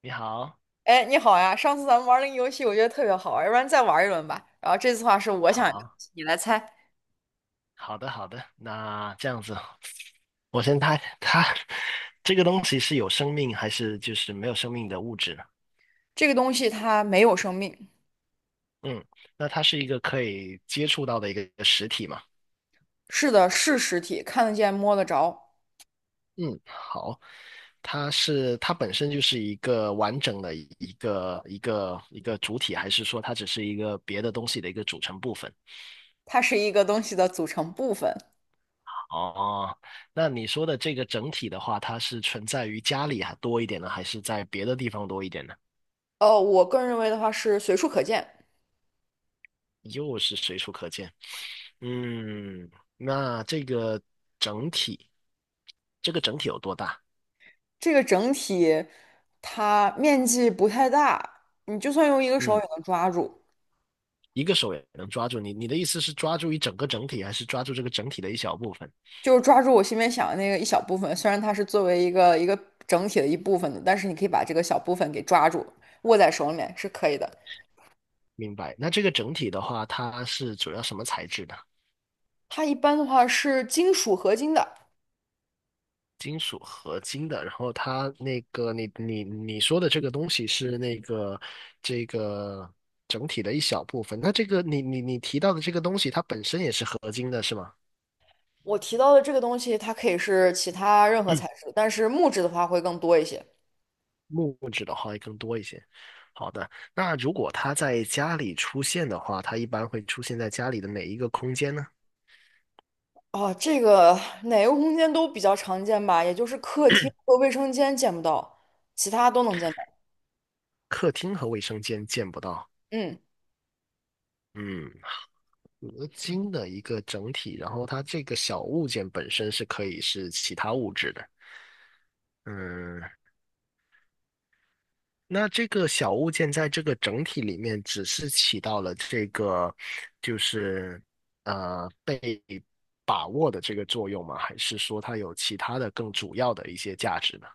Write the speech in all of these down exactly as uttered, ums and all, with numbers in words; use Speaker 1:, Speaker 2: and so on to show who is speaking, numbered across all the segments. Speaker 1: 你好，
Speaker 2: 哎，你好呀！上次咱们玩儿那个游戏，我觉得特别好玩儿，要不然再玩儿一轮吧。然后这次的话是我想一个东
Speaker 1: 好，
Speaker 2: 西，你来猜。
Speaker 1: 好的，好的。那这样子，我先猜，它这个东西是有生命还是就是没有生命的物质呢？
Speaker 2: 这个东西它没有生命。
Speaker 1: 嗯，那它是一个可以接触到的一个实体嘛？
Speaker 2: 是的，是实体，看得见、摸得着，
Speaker 1: 嗯，好，它是它本身就是一个完整的一个一个一个主体，还是说它只是一个别的东西的一个组成部分？
Speaker 2: 它是一个东西的组成部分。
Speaker 1: 哦，那你说的这个整体的话，它是存在于家里还多一点呢，还是在别的地方多一点呢？
Speaker 2: 哦，我个人认为的话是随处可见。
Speaker 1: 又是随处可见。嗯，那这个整体，这个整体有多大？
Speaker 2: 这个整体它面积不太大，你就算用一个手
Speaker 1: 嗯，
Speaker 2: 也能抓住，
Speaker 1: 一个手也能抓住你。你的意思是抓住一整个整体，还是抓住这个整体的一小部分？
Speaker 2: 就是抓住我心里面想的那个一小部分。虽然它是作为一个一个整体的一部分的，但是你可以把这个小部分给抓住，握在手里面是可以的。
Speaker 1: 明白。那这个整体的话，它是主要什么材质的？
Speaker 2: 它一般的话是金属合金的。
Speaker 1: 金属合金的。然后它那个，你你你说的这个东西是那个这个整体的一小部分。那这个你你你提到的这个东西，它本身也是合金的，是吗？
Speaker 2: 我提到的这个东西，它可以是其他任何材质，但是木质的话会更多一些。
Speaker 1: 木质的话会更多一些。好的，那如果它在家里出现的话，它一般会出现在家里的哪一个空间呢？
Speaker 2: 啊，这个哪个空间都比较常见吧，也就是客厅和卫生间见不到，其他都能见到。
Speaker 1: 客厅和卫生间见不到。
Speaker 2: 嗯，
Speaker 1: 嗯，合金的一个整体，然后它这个小物件本身是可以是其他物质的。嗯，那这个小物件在这个整体里面只是起到了这个，就是呃被把握的这个作用吗？还是说它有其他的更主要的一些价值呢？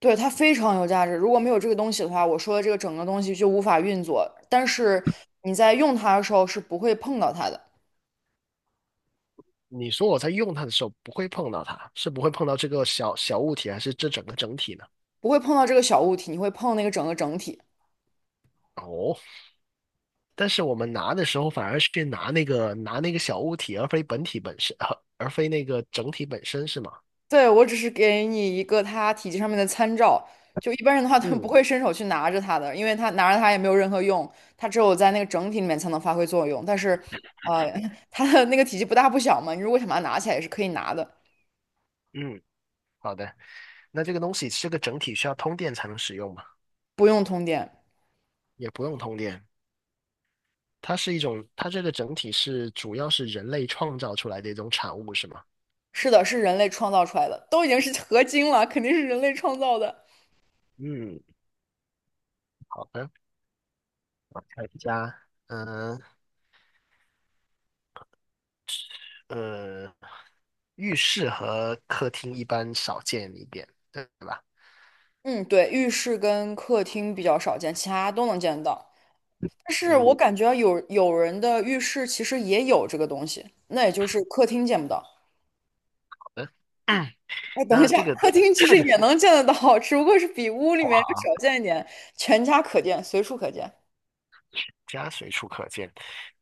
Speaker 2: 对，它非常有价值。如果没有这个东西的话，我说的这个整个东西就无法运作。但是你在用它的时候是不会碰到它的，
Speaker 1: 你说我在用它的时候不会碰到它，是不会碰到这个小小物体，还是这整个整体呢？
Speaker 2: 不会碰到这个小物体，你会碰那个整个整体。
Speaker 1: 哦，但是我们拿的时候反而是去拿那个拿那个小物体，而非本体本身，呃而非那个整体本身，是吗？
Speaker 2: 对，我只是给你一个它体积上面的参照，就一般人的话，他们不
Speaker 1: 嗯
Speaker 2: 会伸手去拿着它的，因为它拿着它也没有任何用，它只有在那个整体里面才能发挥作用。但是，呃，它的那个体积不大不小嘛，你如果想把它拿起来也是可以拿的，
Speaker 1: 嗯，好的。那这个东西这个整体需要通电才能使用吗？
Speaker 2: 不用通电。
Speaker 1: 也不用通电，它是一种，它这个整体是主要是人类创造出来的一种产物，是吗？
Speaker 2: 是的，是人类创造出来的，都已经是合金了，肯定是人类创造的。
Speaker 1: 嗯，好的，看一下，嗯、呃，浴室和客厅一般少见一点，对吧？
Speaker 2: 嗯，对，浴室跟客厅比较少见，其他都能见到。但是我
Speaker 1: 嗯，
Speaker 2: 感觉有有人的浴室其实也有这个东西，那也就是客厅见不到。
Speaker 1: 好的。
Speaker 2: 哎，等一
Speaker 1: 那
Speaker 2: 下，
Speaker 1: 这个
Speaker 2: 客厅其实也能见得到，只不过是比屋里面要
Speaker 1: 火
Speaker 2: 少见一点，全家可见，随处可见。
Speaker 1: 家随处可见。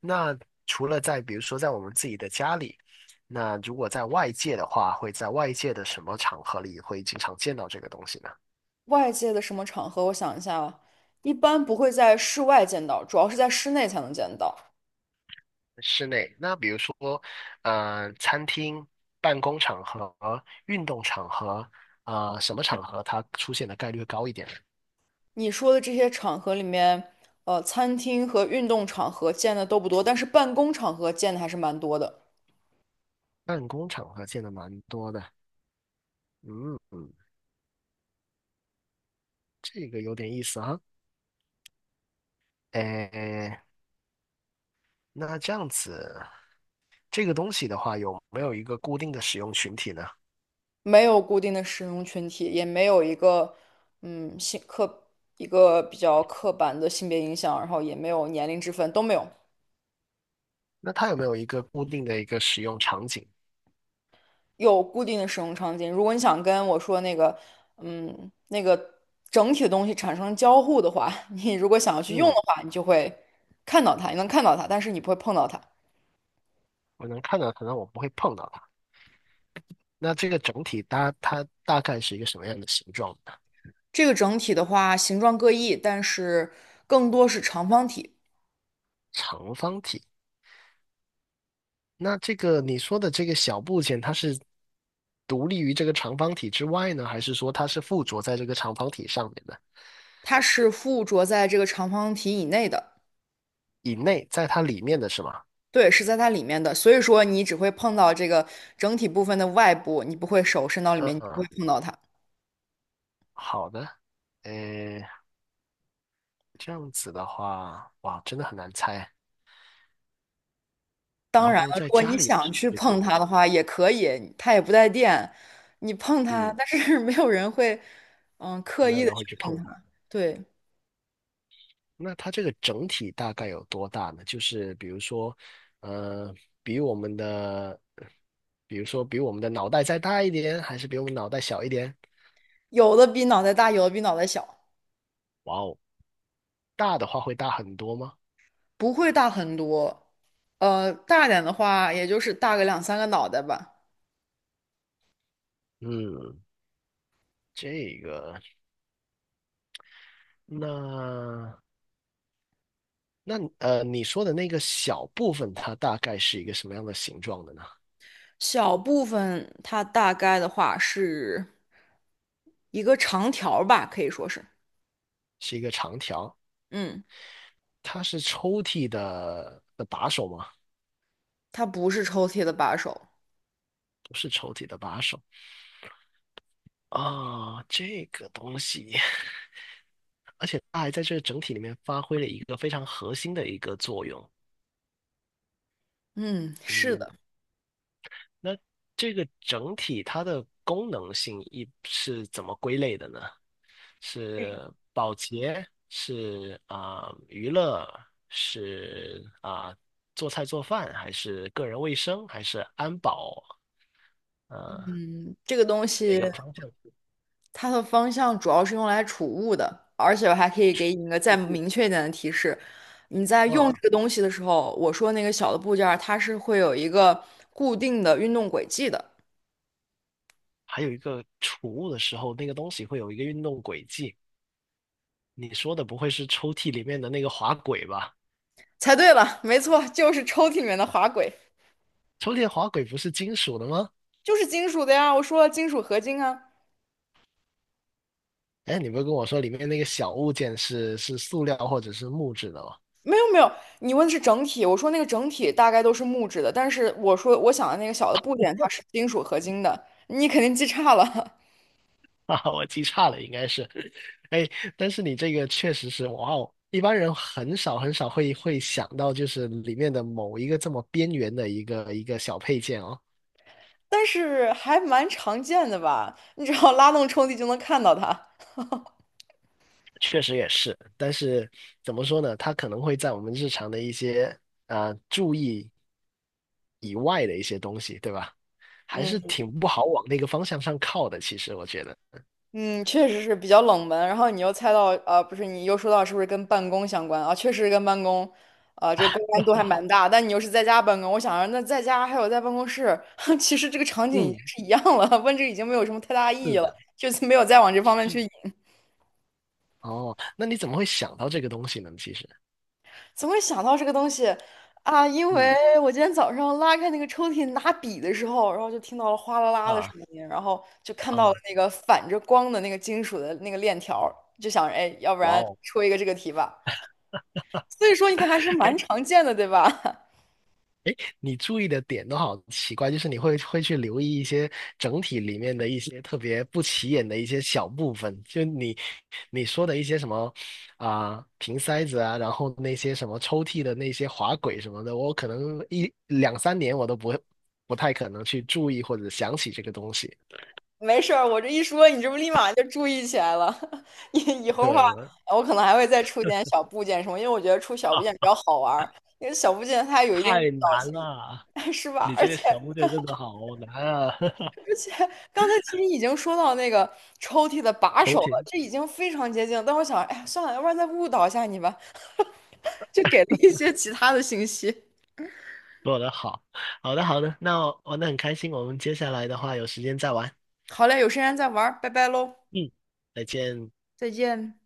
Speaker 1: 那除了在比如说在我们自己的家里，那如果在外界的话，会在外界的什么场合里会经常见到这个东西呢？
Speaker 2: 外界的什么场合？我想一下啊，一般不会在室外见到，主要是在室内才能见到。
Speaker 1: 室内，那比如说，呃，餐厅、办公场合、运动场合，啊，什么场合它出现的概率会高一点呢？
Speaker 2: 你说的这些场合里面，呃，餐厅和运动场合见的都不多，但是办公场合见的还是蛮多的。
Speaker 1: 办公场合见的蛮多的。嗯，嗯，这个有点意思啊。哎，那这样子，这个东西的话，有没有一个固定的使用群体呢？
Speaker 2: 没有固定的使用群体，也没有一个，嗯，性刻一个比较刻板的性别影响，然后也没有年龄之分，都没有。
Speaker 1: 那它有没有一个固定的一个使用场景？
Speaker 2: 有固定的使用场景。如果你想跟我说那个，嗯，那个整体的东西产生交互的话，你如果想要去用的
Speaker 1: 嗯，
Speaker 2: 话，你就会看到它，你能看到它，但是你不会碰到它。
Speaker 1: 我能看到可能我不会碰到它。那这个整体搭它大概是一个什么样的形状呢？
Speaker 2: 这个整体的话，形状各异，但是更多是长方体，
Speaker 1: 长方体。那这个你说的这个小部件，它是独立于这个长方体之外呢，还是说它是附着在这个长方体上面的？
Speaker 2: 它是附着在这个长方体以内的。
Speaker 1: 以内，在它里面的是吗？
Speaker 2: 对，是在它里面的，所以说你只会碰到这个整体部分的外部，你不会手伸到里面，你不
Speaker 1: 嗯，
Speaker 2: 会碰到它。
Speaker 1: 好的，呃，这样子的话，哇，真的很难猜。
Speaker 2: 当
Speaker 1: 然
Speaker 2: 然
Speaker 1: 后
Speaker 2: 了，
Speaker 1: 在
Speaker 2: 如果
Speaker 1: 家
Speaker 2: 你
Speaker 1: 里
Speaker 2: 想去
Speaker 1: 谁都
Speaker 2: 碰
Speaker 1: 可能，
Speaker 2: 它的话，也可以，它也不带电，你碰它，
Speaker 1: 嗯，
Speaker 2: 但是 没有人会，嗯，刻
Speaker 1: 没有
Speaker 2: 意的
Speaker 1: 人
Speaker 2: 去
Speaker 1: 会去
Speaker 2: 碰
Speaker 1: 碰它。
Speaker 2: 它。对，
Speaker 1: 那它这个整体大概有多大呢？就是比如说，呃，比我们的，比如说比我们的脑袋再大一点，还是比我们脑袋小一点？
Speaker 2: 有的比脑袋大，有的比脑袋小，
Speaker 1: 哇哦，大的话会大很多吗？
Speaker 2: 不会大很多。呃，大点的话，也就是大个两三个脑袋吧。
Speaker 1: 嗯，这个，那那呃，你说的那个小部分，它大概是一个什么样的形状的呢？
Speaker 2: 小部分它大概的话是一个长条儿吧，可以说是，
Speaker 1: 是一个长条？
Speaker 2: 嗯，
Speaker 1: 它是抽屉的的把手吗？
Speaker 2: 它不是抽屉的把手。
Speaker 1: 不是抽屉的把手啊，这个东西，而且它还在这个整体里面发挥了一个非常核心的一个作用。
Speaker 2: 嗯，是
Speaker 1: 嗯，
Speaker 2: 的，
Speaker 1: 那这个整体它的功能性一是怎么归类的呢？是保洁，是啊、娱乐，是啊、做菜做饭，还是个人卫生，还是安保？呃，
Speaker 2: 嗯，这个东
Speaker 1: 是哪
Speaker 2: 西。
Speaker 1: 个方向？
Speaker 2: 它的方向主要是用来储物的，而且我还可以给你一个再明确一点的提示：你在用这
Speaker 1: 嗯。
Speaker 2: 个东西的时候，我说那个小的部件儿，它是会有一个固定的运动轨迹的。
Speaker 1: 还有一个储物的时候，那个东西会有一个运动轨迹。你说的不会是抽屉里面的那个滑轨吧？
Speaker 2: 猜对了，没错，就是抽屉里面的滑轨，
Speaker 1: 抽屉的滑轨不是金属的吗？
Speaker 2: 就是金属的呀。我说了，金属合金啊。
Speaker 1: 哎，你不是跟我说里面那个小物件是是塑料或者是木质的吗？
Speaker 2: 没有没有，你问的是整体，我说那个整体大概都是木质的，但是我说我想的那个小的部件它是金属合金的，你肯定记差了。
Speaker 1: 啊，我记差了，应该是。哎，但是你这个确实是，哇哦，一般人很少很少会会想到，就是里面的某一个这么边缘的一个一个小配件哦。
Speaker 2: 但是还蛮常见的吧？你只要拉动抽屉就能看到它。
Speaker 1: 确实也是，但是怎么说呢？它可能会在我们日常的一些呃注意以外的一些东西，对吧？还是
Speaker 2: 嗯
Speaker 1: 挺不好往那个方向上靠的，其实我觉得。
Speaker 2: 嗯，确实是比较冷门。然后你又猜到，呃，不是，你又说到是不是跟办公相关啊？确实是跟办公，啊、这个关联度还蛮 大。但你又是在家办公，我想着那在家还有在办公室，其实这个场景已经
Speaker 1: 嗯，
Speaker 2: 是一样了，问这个已经没有什么太大意
Speaker 1: 是
Speaker 2: 义了，
Speaker 1: 的，
Speaker 2: 就是没有再往这方面去
Speaker 1: 是
Speaker 2: 引。
Speaker 1: 哦，那你怎么会想到这个东西呢？其实，
Speaker 2: 怎么会想到这个东西啊？因为
Speaker 1: 嗯
Speaker 2: 我今天早上拉开那个抽屉拿笔的时候，然后就听到了哗啦啦的声
Speaker 1: 啊
Speaker 2: 音，然后就看到了
Speaker 1: 啊，
Speaker 2: 那个反着光的那个金属的那个链条儿，就想着，哎，要不
Speaker 1: 哇
Speaker 2: 然
Speaker 1: 哦，
Speaker 2: 出一个这个题吧。所以说，你看还是 蛮
Speaker 1: 哎。
Speaker 2: 常见的，对吧？
Speaker 1: 你注意的点都好奇怪，就是你会会去留意一些整体里面的一些特别不起眼的一些小部分，就你你说的一些什么啊、瓶塞子啊，然后那些什么抽屉的那些滑轨什么的，我可能一两三年我都不会不太可能去注意或者想起这个东西。
Speaker 2: 没事儿，我这一说，你这不立马就注意起来了。以以后的话，
Speaker 1: 对，
Speaker 2: 我可能还会再出点小部件什么，因为我觉得出小部件比较好玩儿，因为小部件它有一定
Speaker 1: 太
Speaker 2: 误导
Speaker 1: 难
Speaker 2: 性。
Speaker 1: 了，
Speaker 2: 是吧？
Speaker 1: 你
Speaker 2: 而
Speaker 1: 这个
Speaker 2: 且
Speaker 1: 小部队真的好难啊！
Speaker 2: 刚才其实已经说到那个抽屉的把
Speaker 1: 重
Speaker 2: 手了，
Speaker 1: 新
Speaker 2: 这已经非常接近了。但我想，哎呀，算了，要不然再误导一下你吧，就给了一些其他的信息。
Speaker 1: 做的好，好的好的，那玩的很开心，我们接下来的话有时间再玩。
Speaker 2: 好嘞，有时间再玩儿，拜拜喽，
Speaker 1: 嗯，再见。
Speaker 2: 再见。